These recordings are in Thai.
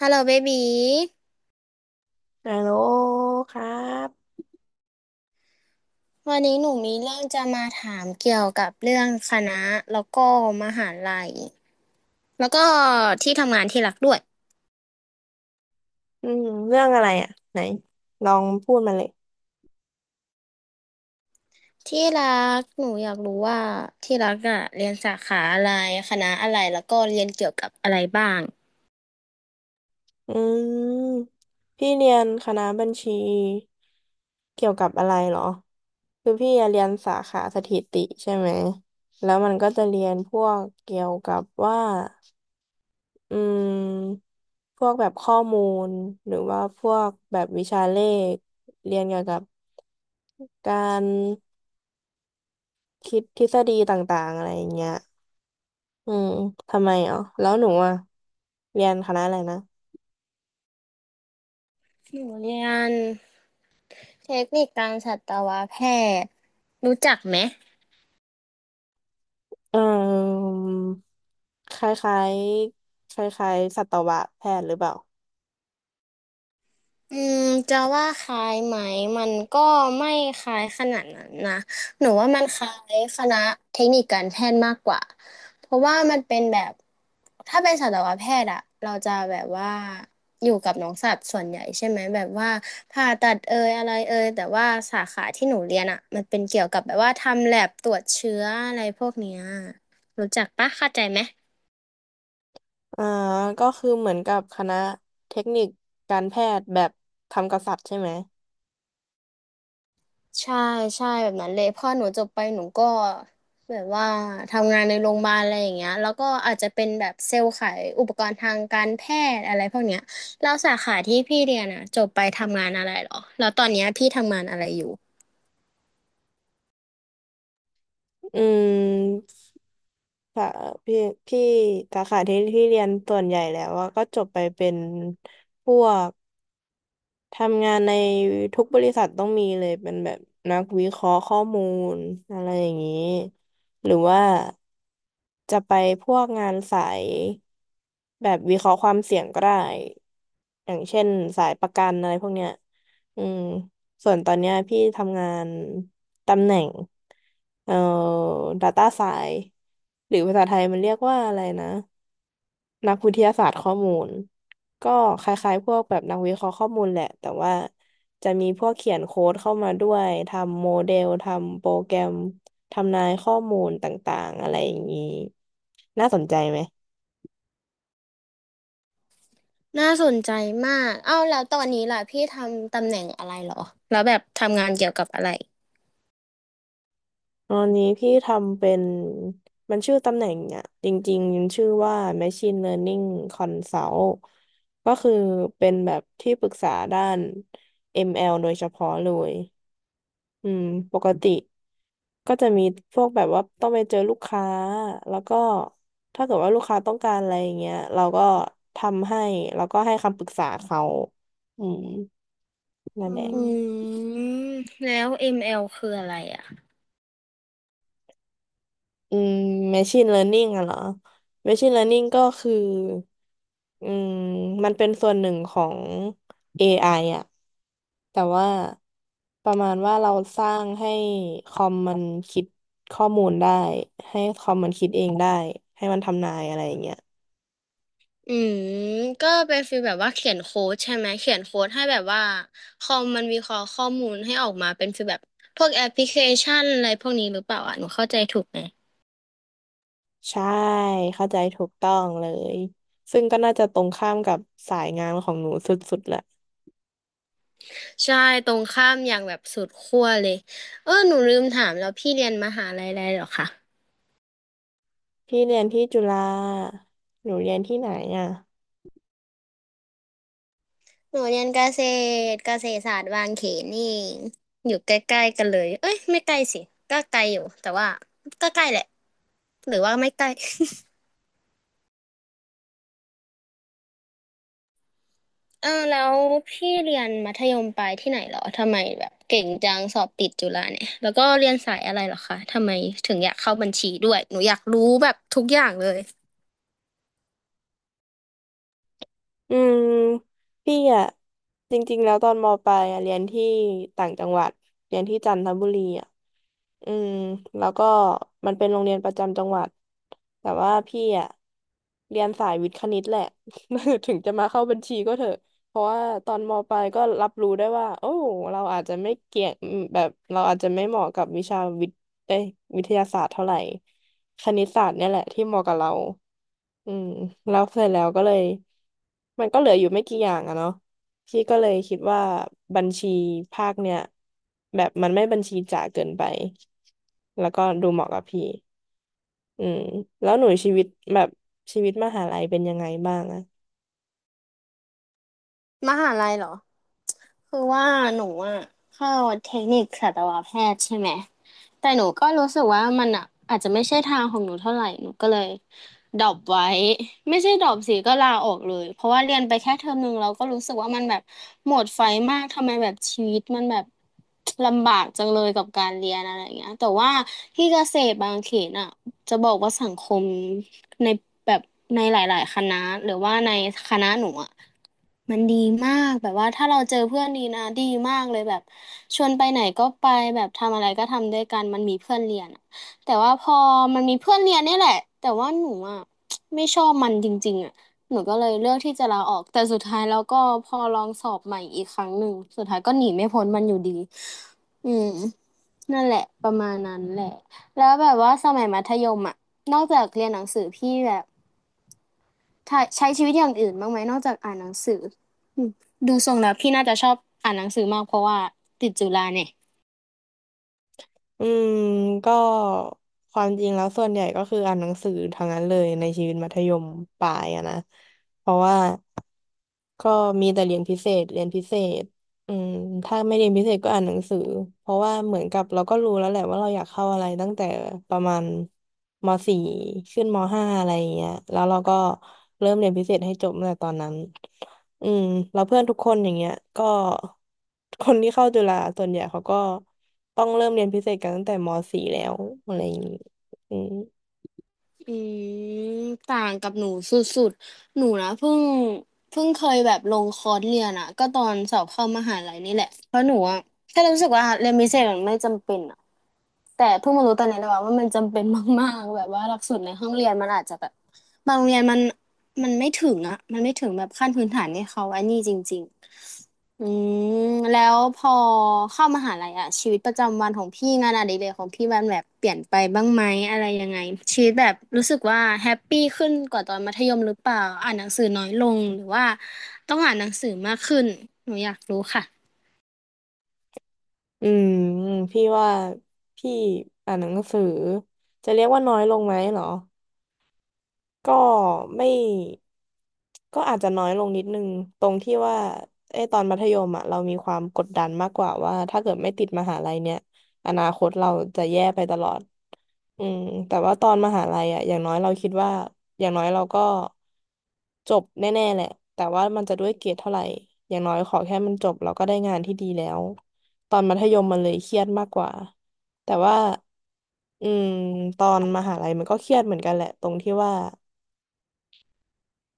ฮัลโหลเบบีฮัลโหลครับวันนี้หนูมีเรื่องจะมาถามเกี่ยวกับเรื่องคณะแล้วก็มหาลัยแล้วก็ที่ทำงานที่รักด้วยอืมเรื่องอะไรอ่ะไหนลองพูดมาเลยที่รักหนูอยากรู้ว่าที่รักอะเรียนสาขาอะไรคณะอะไรแล้วก็เรียนเกี่ยวกับอะไรบ้างอืมพี่เรียนคณะบัญชีเกี่ยวกับอะไรเหรอคือพี่อะเรียนสาขาสถิติใช่ไหมแล้วมันก็จะเรียนพวกเกี่ยวกับว่าอืมพวกแบบข้อมูลหรือว่าพวกแบบวิชาเลขเรียนเกี่ยวกับการคิดทฤษฎีต่างๆอะไรอย่างเงี้ย อืมทำไมอ๋อแล้วหนูอ่ะเรียนคณะอะไรนะหนูเรียนเทคนิคการสัตวแพทย์รู้จักไหม เออคล้ายๆคล้ายๆสัตวแพทย์หรือเปล่าอืมจะว่าคล้ายไหมมันก็ไม่คล้ายขนาดนั้นนะหนูว่ามันคล้ายคณะเทคนิคการแพทย์มากกว่าเพราะว่ามันเป็นแบบถ้าเป็นสัตวแพทย์อะเราจะแบบว่าอยู่กับน้องสัตว์ส่วนใหญ่ใช่ไหมแบบว่าผ่าตัดเอยอะไรเอยแต่ว่าสาขาที่หนูเรียนอะมันเป็นเกี่ยวกับแบบว่าทำแลบตรวจเชื้ออะไรพวกเนี้ยรู้จักปะเข้าใจไหม อ่าก็คือเหมือนกับคณะเทคนิคการแพทย์แบบทำกับสัตว์ใช่ไหมใช่ใช่แบบนั้นเลยพอหนูจบไปหนูก็แบบว่าทำงานในโรงพยาบาลอะไรอย่างเงี้ยแล้วก็อาจจะเป็นแบบเซลล์ขายอุปกรณ์ทางการแพทย์อะไรพวกเนี้ยแล้วสาขาที่พี่เรียนอ่ะจบไปทำงานอะไรเหรอแล้วตอนเนี้ยพี่ทำงานอะไรอยู่อืมค่ะพี่พี่สาขาที่เรียนส่วนใหญ่แล้วว่าก็จบไปเป็นพวก ทำงานในทุกบริษัทต้องมีเลยเป็นแบบนักวิเคราะห์ข้อมูลอะไรอย่างนี้หรือว่าจะไปพวกงานสายแบบวิเคราะห์ความเสี่ยงก็ได้อย่างเช่นสายประกันอะไรพวกเนี้ยอืมส่วนตอนเนี้ยพี่ทำงานตำแหน่งเอ่อ Data Science หรือภาษาไทยมันเรียกว่าอะไรนะ นักวิทยาศาสตร์ข้อมูลก็คล้ายๆพวกแบบนักวิเคราะห์ข้อมูลแหละแต่ว่าจะมีพวกเขียนโค้ดเข้ามาด้วยทำโมเดลทำโปรแกรมทำนายข้อมูลต่างๆอะไรอย่างนี้น่าสนใจไหมน่าสนใจมากเอ้าแล้วตอนนี้ล่ะพี่ทำตำแหน่งอะไรเหรอแล้วแบบทำงานเกี่ยวกับอะไรตอนนี้พี่ทำเป็นมันชื่อตำแหน่งอ่ะจริงๆมันชื่อว่า Machine Learning Consult ก็คือเป็นแบบที่ปรึกษาด้าน ML โดยเฉพาะเลย อืมปกติก็จะมีพวกแบบว่าต้องไปเจอลูกค้าแล้วก็ถ้าเกิดว่าลูกค้าต้องการอะไรอย่างเงี้ยเราก็ทำให้แล้วก็ให้คำปรึกษาเขาอืมนั่อืนแอืหละ มแล้ว ML คืออะไรอ่ะ อืม machine learning อะเหรอ machine learning ก็คืออืมมันเป็นส่วนหนึ่งของ AI อไออะแต่ว่าประมาณว่าเราสร้างให้คอมมันคิดข้อมูลได้ให้คอมมันคิดเองได้ให้มันทำนายอะไรอย่างเงี้ยอืมก็เป็นฟีลแบบว่าเขียนโค้ดใช่ไหมเขียนโค้ดให้แบบว่าคอมมันวิเคราะห์ข้อมูลให้ออกมาเป็นฟีลแบบพวกแอปพลิเคชันอะไรพวกนี้หรือเปล่าอ่ะหนูเข้าใจถูกไหมใช่เข้าใจถูกต้องเลยซึ่งก็น่าจะตรงข้ามกับสายงานของหนูสุดๆแหละใช่ตรงข้ามอย่างแบบสุดขั้วเลยเออหนูลืมถามแล้วพี่เรียนมหาลัยอะไรเหรอคะพี่เรียนที่จุฬาหนูเรียนที่ไหนอ่ะ หนูเรียนเกษตรเกษตรศาสตร์บางเขนนี่เองอยู่ใกล้ๆกันเลยเอ้ยไม่ใกล้สิก็ไกลอยู่แต่ว่าก็ใกล้แหละหรือว่าไม่ใกล้ เออแล้วพี่เรียนมัธยมปลายที่ไหนเหรอทำไมแบบเก่งจังสอบติดจุฬาเนี่ยแล้วก็เรียนสายอะไรเหรอคะทำไมถึงอยากเข้าบัญชีด้วยหนูอยากรู้แบบทุกอย่างเลยอืมพี่อะจริงๆแล้วตอนมปลายอะเรียนที่ต่างจังหวัดเรียนที่จันทบุรีอะอืมแล้วก็มันเป็นโรงเรียนประจำจังหวัดแต่ว่าพี่อะเรียนสายวิทย์คณิตแหละ ถึงจะมาเข้าบัญชีก็เถอะเพราะว่าตอนมปลายก็รับรู้ได้ว่าโอ้เราอาจจะไม่เก่งแบบเราอาจจะไม่เหมาะกับวิชาวิทย์เอ้ยวิทยาศาสตร์เท่าไหร่คณิตศาสตร์เนี่ยแหละที่เหมาะกับเรา อืมแล้วเสร็จแล้วก็เลยมันก็เหลืออยู่ไม่กี่อย่างอะเนาะพี่ก็เลยคิดว่าบัญชีภาคเนี่ยแบบมันไม่บัญชีจ๋าเกินไปแล้วก็ดูเหมาะกับพี่อืมแล้วหนูชีวิตแบบชีวิตมหาลัยเป็นยังไงบ้างอะมหาลัยเหรอ คือว่าหนูอะเข้าเทคนิคสัตวแพทย์ใช่ไหมแต่หนูก็รู้สึกว่ามันอะอาจจะไม่ใช่ทางของหนูเท่าไหร่หนูก็เลยดรอปไว้ไม่ใช่ดรอปสิก็ลาออกเลยเพราะว่าเรียนไปแค่เทอมหนึ่งเราก็รู้สึกว่ามันแบบหมดไฟมากทำไมแบบชีวิตมันแบบลำบากจังเลยกับการเรียนอะไรอย่างเงี้ยแต่ว่าที่เกษตรบางเขนอะจะบอกว่าสังคมในแบบในหลายๆคณะหรือว่าในคณะหนูอะ มันดีมากแบบว่าถ้าเราเจอเพื่อนดีนะดีมากเลยแบบชวนไปไหนก็ไปแบบทำอะไรก็ทำด้วยกันมันมีเพื่อนเรียนอะแต่ว่าพอมันมีเพื่อนเรียนเนี่ยแหละแต่ว่าหนูอ่ะไม่ชอบมันจริงๆอ่ะหนูก็เลยเลือกที่จะลาออกแต่สุดท้ายแล้วก็พอลองสอบใหม่อีกครั้งหนึ่งสุดท้ายก็หนีไม่พ้นมันอยู่ดีอืมนั่นแหละประมาณนั้นแหละแล้วแบบว่าสมัยมัธยมอ่ะนอกจากเรียนหนังสือพี่แบบใช้ชีวิตอย่างอื่นบ้างไหมนอกจากอ่านหนังสือ ดูทรงแล้วพี่น่าจะชอบอ่านหนังสือมากเพราะว่าติดจุฬาเนี่ยอืมก็ความจริงแล้วส่วนใหญ่ก็คืออ่านหนังสือทั้งนั้นเลยในชีวิตมัธยมปลายอะนะเพราะว่าก็มีแต่เรียนพิเศษเรียนพิเศษ อืมถ้าไม่เรียนพิเศษก็อ่านหนังสือเพราะว่าเหมือนกับเราก็รู้แล้วแหละว่าเราอยากเข้าอะไรตั้งแต่ประมาณมสี่ขึ้นมห้าอะไรอย่างเงี้ยแล้วเราก็เริ่มเรียนพิเศษให้จบตั้งแต่ตอนนั้นอืมแล้วเพื่อนทุกคนอย่างเงี้ยก็คนที่เข้าจุฬาส่วนใหญ่เขาก็ต้องเริ่มเรียนพิเศษกันตั้งแต่มสี่แล้วอะไรอย่างงี้อืมอืมต่างกับหนูสุดๆหนูนะเพิ่งเพิ่งเคยแบบลงคอร์สเรียนอะก็ตอนสอบเข้ามหาลัยนี่แหละเพราะหนูอะแค่รู้สึกว่าเรียนพิเศษมันไม่จำเป็นอะ แต่เพิ่งมารู้ตอนนี้นะว่ามันจำเป็นมากๆแบบว่าหลักสูตรในห้องเรียนมันอาจจะแบบบางโรงเรียนมันไม่ถึงอ่ะมันไม่ถึงแบบขั้นพื้นฐานให้เขาอันนี้จริงๆอืมแล้วพอเข้ามหาลัยอ่ะชีวิตประจำวันของพี่งานอดิเรกของพี่มันแบบเปลี่ยนไปบ้างไหมอะไรยังไงชีวิตแบบรู้สึกว่าแฮปปี้ขึ้นกว่าตอนมัธยมหรือเปล่าอ่านหนังสือน้อยลงหรือว่าต้องอ่านหนังสือมากขึ้นหนูอยากรู้ค่ะ อืมพี่ว่าพี่อ่านหนังสือจะเรียกว่าน้อยลงไหมเหรอ ก็ไม่ก็อาจจะน้อยลงนิดนึงตรงที่ว่าไอ้ตอนมัธยมอะเรามีความกดดันมากกว่าว่าถ้าเกิดไม่ติดมหาลัยเนี่ยอนาคตเราจะแย่ไปตลอดอืมแต่ว่าตอนมหาลัยอะอย่างน้อยเราคิดว่าอย่างน้อยเราก็จบแน่ๆแหละแต่ว่ามันจะด้วยเกรดเท่าไหร่อย่างน้อยขอแค่มันจบเราก็ได้งานที่ดีแล้วตอนมัธยมมันเลยเครียดมากกว่าแต่ว่าอืมตอนมหาลัยมันก็เครียดเหมือนกันแหละตรงที่ว่า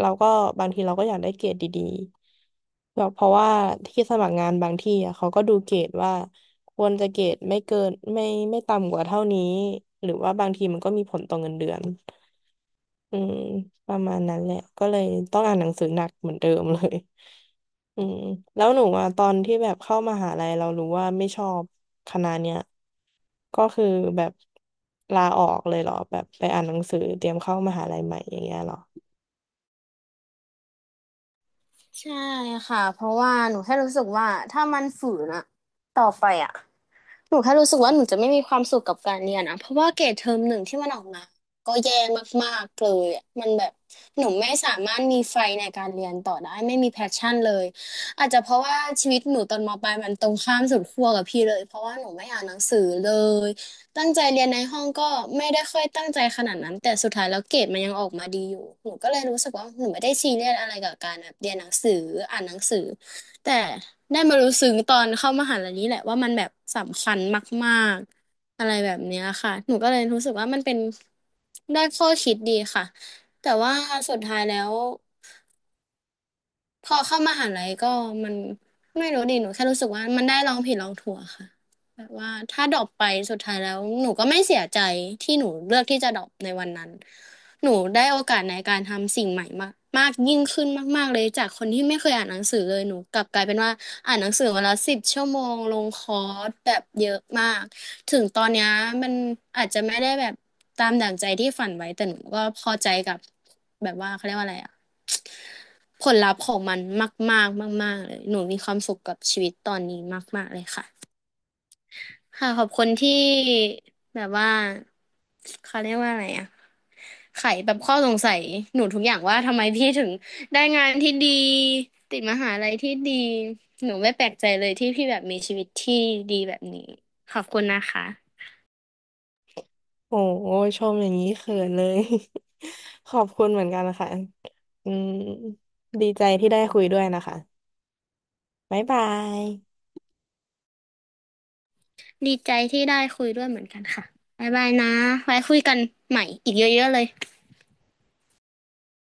เราก็บางทีเราก็อยากได้เกรดดีๆแบบเพราะว่าที่สมัครงานบางที่อะเขาก็ดูเกรดว่าควรจะเกรดไม่เกินไม่ต่ำกว่าเท่านี้หรือว่าบางทีมันก็มีผลต่อเงินเดือนอืมประมาณนั้นแหละก็เลยต้องอ่านหนังสือหนักเหมือนเดิมเลย อืมแล้วหนูอ่ะตอนที่แบบเข้ามหาลัยเรารู้ว่าไม่ชอบคณะเนี้ยก็คือแบบลาออกเลยเหรอแบบไปอ่านหนังสือเตรียมเข้ามหาลัยใหม่อย่างเงี้ยเหรอ ใช่ค่ะ เพราะว่าหนูแค่รู้สึกว่าถ้ามันฝืนอะต่อไปอะ หนูแค่รู้สึกว่าหนูจะไม่มีความสุขกับการเรียนอะเพราะว่าเกรดเทอมหนึ่งที่มันออกมาก็แย่มากๆเลยอะมันแบบหนูไม่สามารถมีไฟในการเรียนต่อได้ไม่มีแพชชั่นเลยอาจจะเพราะว่าชีวิตหนูตอนมปลายมันตรงข้ามสุดขั้วกับพี่เลยเพราะว่าหนูไม่อ่านหนังสือเลยตั้งใจเรียนในห้องก็ไม่ได้ค่อยตั้งใจขนาดนั้นแต่สุดท้ายแล้วเกรดมันยังออกมาดีอยู่หนูก็เลยรู้สึกว่าหนูไม่ได้ซีเรียสอะไรกับการแบบเรียนหนังสืออ่านหนังสือ แต่ได้มารู้ซึ้งตอนเข้ามหาลัยนี้แหละว่ามันแบบสำคัญมากๆอะไรแบบเนี้ยค่ะ หนูก็เลยรู้สึกว่ามันเป็นได้ข้อคิดดีค่ะ แต่ว่าสุดท้ายแล้ว พอเข้ามหาลัยก็มันไม่รู้ดิหนูแค่รู้สึกว่ามันได้ลองผิดลองถูกอะค่ะแบบว่าถ้าดรอปไปสุดท้ายแล้วหนูก็ไม่เสียใจที่หนูเลือกที่จะดรอปในวันนั้นหนูได้โอกาสในการทำสิ่งใหม่มากมากยิ่งขึ้นมากๆเลยจากคนที่ไม่เคยอ่านหนังสือเลยหนูกลับกลายเป็นว่าอ่านหนังสือวันละ10 ชั่วโมงลงคอร์สแบบเยอะมากถึงตอนเนี้ยมันอาจจะไม่ได้แบบตามดั่งใจที่ฝันไว้แต่หนูก็พอใจกับแบบว่าเขาเรียกว่าอะไรอะ ผลลัพธ์ของมันมากๆมากๆเลยหนูมีความสุขกับชีวิตตอนนี้มากๆเลยค่ะค่ะขอบคุณที่แบบว่าเขาเรียกว่าอะไรอะไขแบบข้อสงสัยหนูทุกอย่างว่าทำไมพี่ถึงได้งานที่ดีติดมหาลัยที่ดีหนูไม่แปลกใจเลยที่พี่แบบมีชีวิตที่ดีแบบนี้ขอบคุณนะคะโอ้โหชมอย่างนี้เขินเลย ขอบคุณเหมือนกันนะคะอืมดีใจที่ได้คุยด้วยนะคะบ๊ายบายดีใจที่ได้คุยด้วยเหมือนกันค่ะบ๊ายบายนะไว้คุยกันใหม่อีกเยอะๆเลย